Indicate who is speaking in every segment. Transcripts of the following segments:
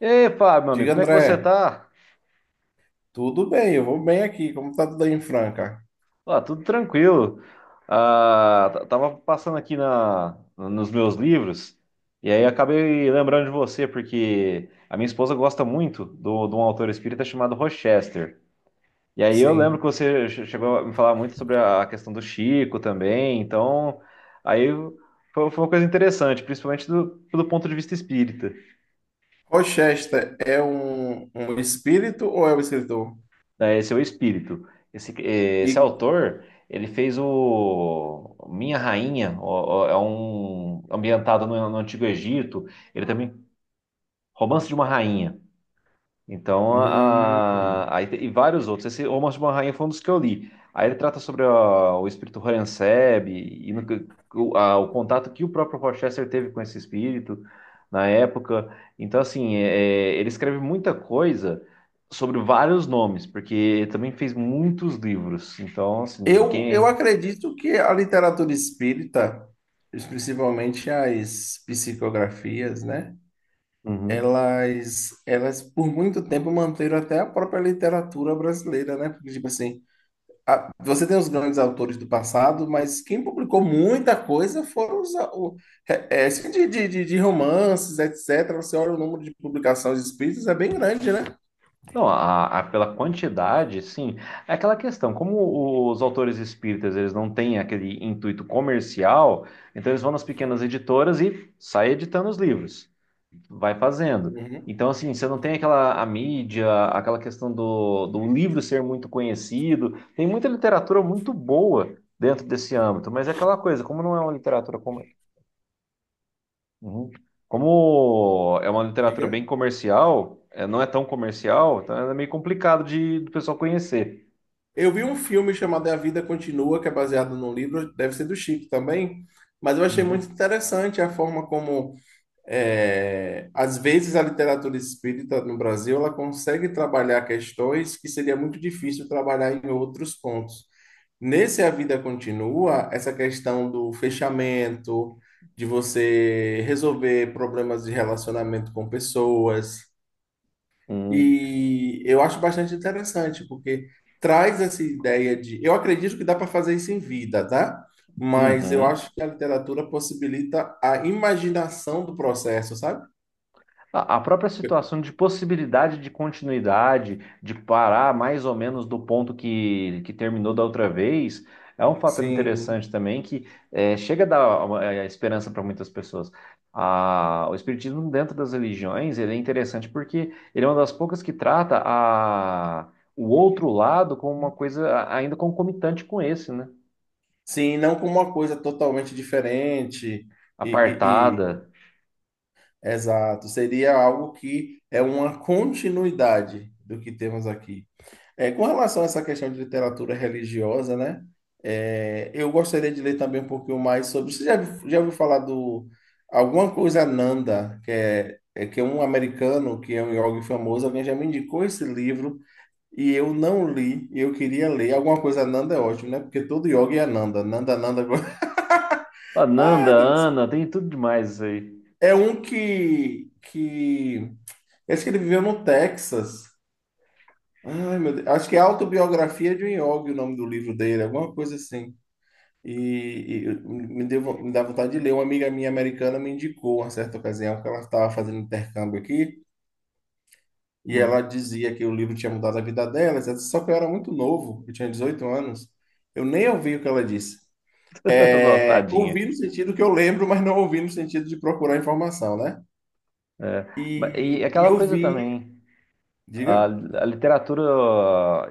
Speaker 1: E aí, Fábio, meu amigo,
Speaker 2: Diga,
Speaker 1: como é que
Speaker 2: André,
Speaker 1: você tá?
Speaker 2: tudo bem? Eu vou bem aqui. Como tá tudo aí em Franca?
Speaker 1: Ó, tudo tranquilo. Tava passando aqui nos meus livros e aí acabei lembrando de você, porque a minha esposa gosta muito de um autor espírita chamado Rochester. E aí eu lembro que
Speaker 2: Sim.
Speaker 1: você chegou a me falar muito sobre a questão do Chico também, então aí foi uma coisa interessante, principalmente pelo ponto de vista espírita.
Speaker 2: Rochester é um espírito ou é um escritor?
Speaker 1: Né, esse é o espírito. Esse, eh,
Speaker 2: E,
Speaker 1: esse autor, ele fez o Minha Rainha, é um ambientado no Antigo Egito. Ele também, Romance de uma Rainha. Então,
Speaker 2: hum,
Speaker 1: aí e vários outros. Esse Almas de uma Rainha foi um dos que eu li. Aí ele trata sobre o espírito Horenseb e no que- o, a- o contato que o próprio Rochester teve com esse espírito na época. Então, assim, ele escreve muita coisa sobre vários nomes, porque ele também fez muitos livros. Então, assim,
Speaker 2: eu
Speaker 1: quem.
Speaker 2: acredito que a literatura espírita, principalmente as psicografias, né?
Speaker 1: Uhum.
Speaker 2: Elas por muito tempo manteram até a própria literatura brasileira, né? Porque, tipo assim, você tem os grandes autores do passado, mas quem publicou muita coisa foram os, assim, de romances, etc., Você olha o número de publicações espíritas, é bem grande, né?
Speaker 1: Não, pela quantidade, sim. É aquela questão, como os autores espíritas eles não têm aquele intuito comercial, então eles vão nas pequenas editoras e sai editando os livros, vai fazendo.
Speaker 2: Uhum.
Speaker 1: Então, assim, você não tem aquela a mídia, aquela questão do livro ser muito conhecido. Tem muita literatura muito boa dentro desse âmbito, mas é aquela coisa, como não é uma literatura. Uhum. Como é uma literatura
Speaker 2: Diga.
Speaker 1: bem comercial, é, não é tão comercial, então é meio complicado de do pessoal conhecer.
Speaker 2: Eu vi um filme chamado A Vida Continua, que é baseado num livro, deve ser do Chico também, mas eu achei muito
Speaker 1: Uhum.
Speaker 2: interessante a forma como, às vezes, a literatura espírita no Brasil, ela consegue trabalhar questões que seria muito difícil trabalhar em outros pontos. Nesse A Vida Continua, essa questão do fechamento, de você resolver problemas de relacionamento com pessoas.
Speaker 1: Uhum.
Speaker 2: E eu acho bastante interessante, porque traz essa ideia de. Eu acredito que dá para fazer isso em vida, tá? Mas eu
Speaker 1: Uhum.
Speaker 2: acho que a literatura possibilita a imaginação do processo, sabe?
Speaker 1: A própria situação de possibilidade de continuidade, de parar mais ou menos do ponto que terminou da outra vez, é um fator
Speaker 2: Sim,
Speaker 1: interessante também que chega a dar uma, esperança para muitas pessoas. Ah, o Espiritismo dentro das religiões, ele é interessante porque ele é uma das poucas que trata o outro lado como uma coisa ainda concomitante com esse, né?
Speaker 2: sim, não como uma coisa totalmente diferente. E, e,
Speaker 1: Apartada,
Speaker 2: Exato, seria algo que é uma continuidade do que temos aqui. É, com relação a essa questão de literatura religiosa, né? Eu gostaria de ler também um pouquinho mais sobre. Você já ouviu falar do alguma coisa Nanda, que é, que é um americano que é um yogi famoso, alguém já me indicou esse livro e eu não li, e eu queria ler. Alguma coisa Nanda é ótimo, né? Porque todo yogi é Nanda, Nanda, Nanda.
Speaker 1: Ananda,
Speaker 2: Ah,
Speaker 1: Ana, tem tudo demais isso aí.
Speaker 2: é um que eu acho que ele viveu no Texas. Ai, meu Deus. Acho que é Autobiografia de um Yogi, o nome do livro dele, alguma coisa assim. E me dá vontade de ler. Uma amiga minha americana me indicou, uma certa ocasião, que ela estava fazendo intercâmbio aqui, e ela dizia que o livro tinha mudado a vida dela, etc., só que eu era muito novo, eu tinha 18 anos. Eu nem ouvi o que ela disse. É,
Speaker 1: Tadinha.
Speaker 2: Ouvi no sentido que eu lembro, mas não ouvi no sentido de procurar informação, né?
Speaker 1: É. E
Speaker 2: E
Speaker 1: aquela
Speaker 2: eu
Speaker 1: coisa
Speaker 2: vi.
Speaker 1: também. A,
Speaker 2: Diga.
Speaker 1: a literatura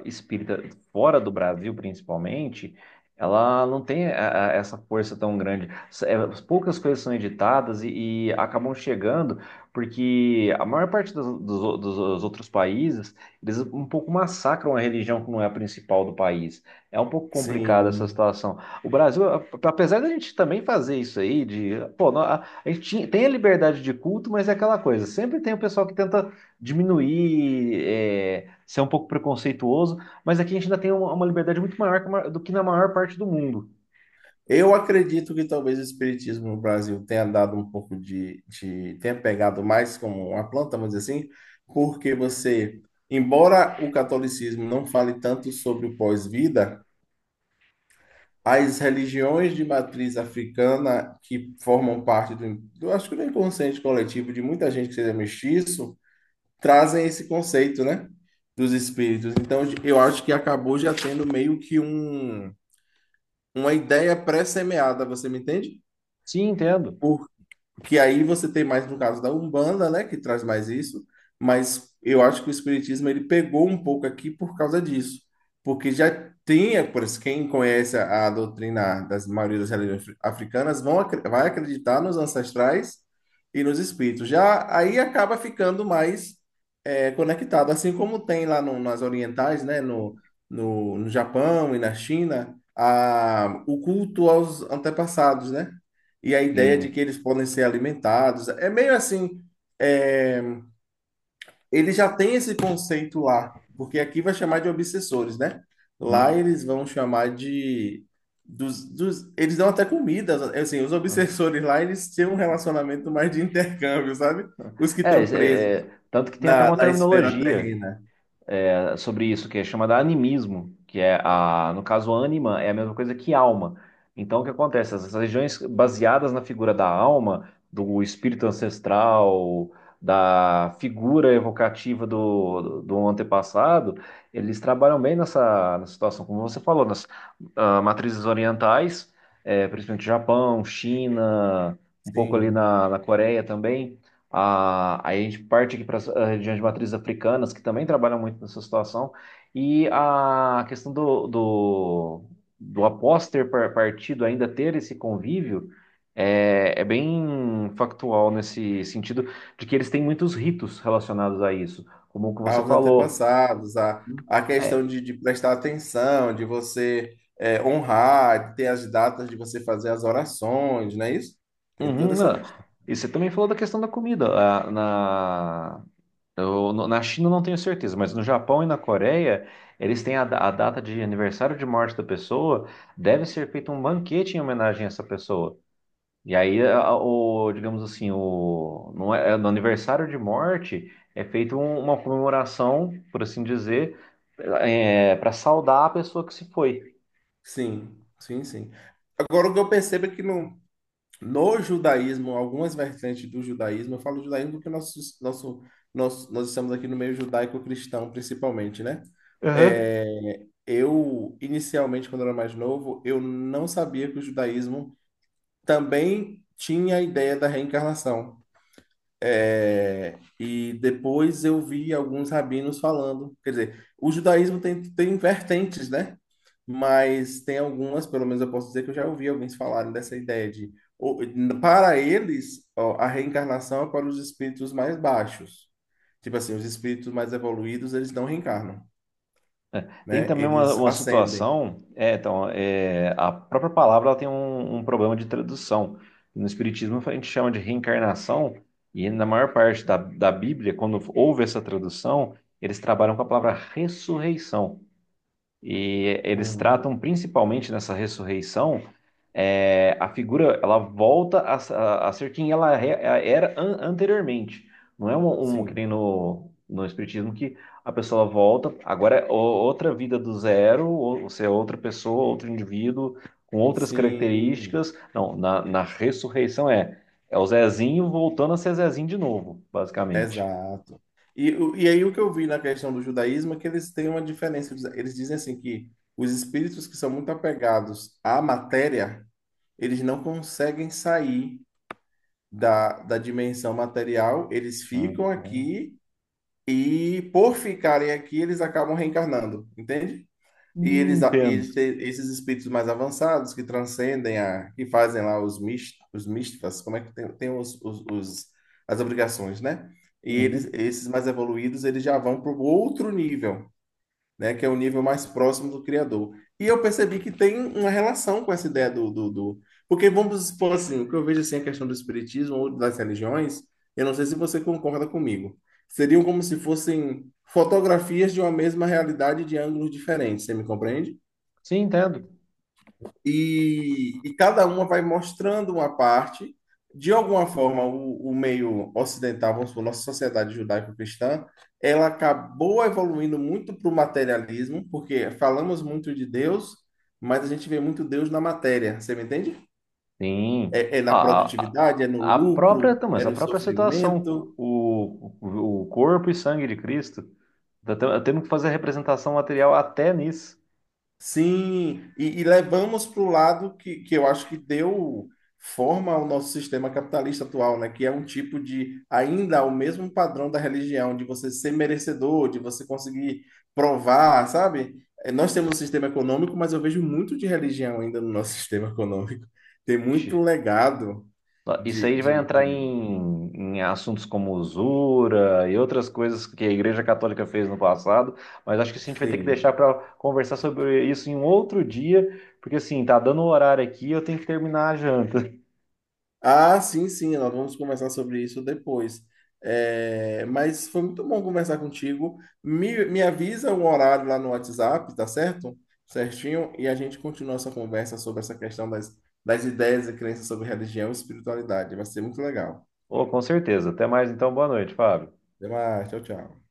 Speaker 1: espírita, fora do Brasil principalmente, ela não tem essa força tão grande. Poucas coisas são editadas e acabam chegando, porque a maior parte dos outros países, eles um pouco massacram a religião que não é a principal do país. É um pouco complicada essa
Speaker 2: Sim.
Speaker 1: situação. O Brasil, apesar da gente também fazer isso aí, pô, tem a liberdade de culto, mas é aquela coisa, sempre tem o pessoal que tenta diminuir, ser um pouco preconceituoso, mas aqui a gente ainda tem uma liberdade muito maior do que na maior parte do mundo.
Speaker 2: Eu acredito que talvez o espiritismo no Brasil tenha dado um pouco tenha pegado mais como uma planta, vamos dizer assim, porque você, embora o catolicismo não fale tanto sobre o pós-vida, as religiões de matriz africana que formam parte do, eu acho que do inconsciente coletivo de muita gente que seja mestiço, trazem esse conceito, né, dos espíritos. Então, eu acho que acabou já tendo meio que uma ideia pré-semeada, você me entende?
Speaker 1: Sim, entendo.
Speaker 2: Que aí você tem mais no caso da Umbanda, né, que traz mais isso, mas eu acho que o espiritismo ele pegou um pouco aqui por causa disso, porque já tinha, por isso, quem conhece a doutrina das maioria das religiões africanas vai acreditar nos ancestrais e nos espíritos. Já aí acaba ficando mais conectado, assim como tem lá nas orientais, né, no Japão e na China, a, o culto aos antepassados, né? E a ideia de que
Speaker 1: Sim.
Speaker 2: eles podem ser alimentados. É meio assim, é, ele já tem esse conceito lá, porque aqui vai chamar de obsessores, né? Lá
Speaker 1: Hum.
Speaker 2: eles vão chamar de eles dão até comida, assim, os obsessores lá, eles têm um relacionamento mais de intercâmbio, sabe? Os que
Speaker 1: É,
Speaker 2: estão
Speaker 1: é,
Speaker 2: presos
Speaker 1: é, tanto que tem até
Speaker 2: na,
Speaker 1: uma
Speaker 2: na esfera
Speaker 1: terminologia.
Speaker 2: terrena.
Speaker 1: É, sobre isso, que é da animismo, que é a, no caso, ânima é a mesma coisa que alma. Então, o que acontece? Essas regiões baseadas na figura da alma, do espírito ancestral, da figura evocativa do antepassado, eles trabalham bem nessa situação, como você falou, nas matrizes orientais, principalmente Japão, China, um pouco ali
Speaker 2: Sim.
Speaker 1: na Coreia também. Aí a gente parte aqui para as regiões de matrizes africanas, que também trabalham muito nessa situação, e a questão do após ter partido ainda ter esse convívio é bem factual nesse sentido de que eles têm muitos ritos relacionados a isso, como o que você
Speaker 2: Aos
Speaker 1: falou.
Speaker 2: antepassados, a questão
Speaker 1: É,
Speaker 2: de prestar atenção, de você honrar, de ter as datas de você fazer as orações, não é isso? Tem
Speaker 1: uhum,
Speaker 2: toda essa
Speaker 1: não.
Speaker 2: questão.
Speaker 1: E você também falou da questão da comida. Na China eu não tenho certeza, mas no Japão e na Coreia, eles têm a data de aniversário de morte da pessoa, deve ser feito um banquete em homenagem a essa pessoa. E aí, digamos assim, não é, no aniversário de morte é feita uma comemoração, por assim dizer, para saudar a pessoa que se foi.
Speaker 2: Sim, sim, sim. Agora, o que eu percebo é que no judaísmo, algumas vertentes do judaísmo, eu falo judaísmo porque nós estamos aqui no meio judaico-cristão, principalmente, né? É, eu, inicialmente, quando eu era mais novo, eu não sabia que o judaísmo também tinha a ideia da reencarnação. E depois eu vi alguns rabinos falando, quer dizer, o judaísmo tem vertentes, né? Mas tem algumas, pelo menos eu posso dizer que eu já ouvi alguns falarem dessa ideia de, o- para eles, ó, a reencarnação é para os espíritos mais baixos. Tipo assim, os espíritos mais evoluídos, eles não reencarnam,
Speaker 1: Tem
Speaker 2: né?
Speaker 1: também uma,
Speaker 2: Eles
Speaker 1: uma
Speaker 2: acendem.
Speaker 1: situação, então, a própria palavra ela tem um problema de tradução. No Espiritismo a gente chama de reencarnação, e na maior parte da Bíblia, quando houve essa tradução, eles trabalham com a palavra ressurreição. E eles
Speaker 2: Uhum.
Speaker 1: tratam principalmente nessa ressurreição, a figura ela volta a ser quem ela era anteriormente. Não é um que
Speaker 2: Sim,
Speaker 1: nem no Espiritismo que a pessoa volta, agora é outra vida do zero, ou você é outra pessoa, outro indivíduo, com outras
Speaker 2: sim,
Speaker 1: características. Não, na ressurreição é o Zezinho voltando a ser Zezinho de novo, basicamente.
Speaker 2: exato. E aí o que eu vi na questão do judaísmo é que eles têm uma diferença. Eles dizem assim que os espíritos que são muito apegados à matéria, eles não conseguem sair da dimensão material, eles ficam
Speaker 1: Uhum.
Speaker 2: aqui e, por ficarem aqui, eles acabam reencarnando, entende? E eles,
Speaker 1: Entendo.
Speaker 2: eles esses espíritos mais avançados que transcendem que fazem lá os os como é que tem as obrigações, né? E
Speaker 1: Uhum.
Speaker 2: eles, esses mais evoluídos, eles já vão para o outro nível, né, que é o nível mais próximo do criador. E eu percebi que tem uma relação com essa ideia porque vamos supor assim, o que eu vejo assim, a questão do espiritismo ou das religiões, eu não sei se você concorda comigo, seriam como se fossem fotografias de uma mesma realidade de ângulos diferentes, você me compreende?
Speaker 1: Sim, entendo.
Speaker 2: E, e cada uma vai mostrando uma parte. De alguma forma, o meio ocidental, vamos supor, nossa sociedade judaico-cristã, ela acabou evoluindo muito para o materialismo, porque falamos muito de Deus, mas a gente vê muito Deus na matéria, você me entende?
Speaker 1: Sim.
Speaker 2: É na
Speaker 1: Ah,
Speaker 2: produtividade, é no
Speaker 1: a própria,
Speaker 2: lucro,
Speaker 1: não, mas
Speaker 2: é
Speaker 1: a
Speaker 2: no
Speaker 1: própria situação,
Speaker 2: sofrimento.
Speaker 1: o corpo e sangue de Cristo, tá temos que fazer a representação material até nisso.
Speaker 2: Sim, e levamos para o lado que eu acho que deu forma ao nosso sistema capitalista atual, né? Que é um tipo de, ainda o mesmo padrão da religião, de você ser merecedor, de você conseguir provar, sabe? Nós temos um sistema econômico, mas eu vejo muito de religião ainda no nosso sistema econômico. Tem
Speaker 1: Ixi,
Speaker 2: muito legado
Speaker 1: isso
Speaker 2: de,
Speaker 1: aí vai
Speaker 2: de,
Speaker 1: entrar
Speaker 2: de...
Speaker 1: em assuntos como usura e outras coisas que a Igreja Católica fez no passado, mas acho que isso a gente vai ter que
Speaker 2: Sim.
Speaker 1: deixar para conversar sobre isso em um outro dia, porque assim, tá dando o horário aqui, e eu tenho que terminar a janta.
Speaker 2: Ah, sim, sim, nós vamos conversar sobre isso depois. É, mas foi muito bom conversar contigo. Me avisa o horário lá no WhatsApp, tá certo? Certinho, e a gente continua essa conversa sobre essa questão das ideias e crenças sobre religião e espiritualidade. Vai ser muito legal.
Speaker 1: Oh, com certeza. Até mais então, boa noite, Fábio.
Speaker 2: Até mais, tchau, tchau.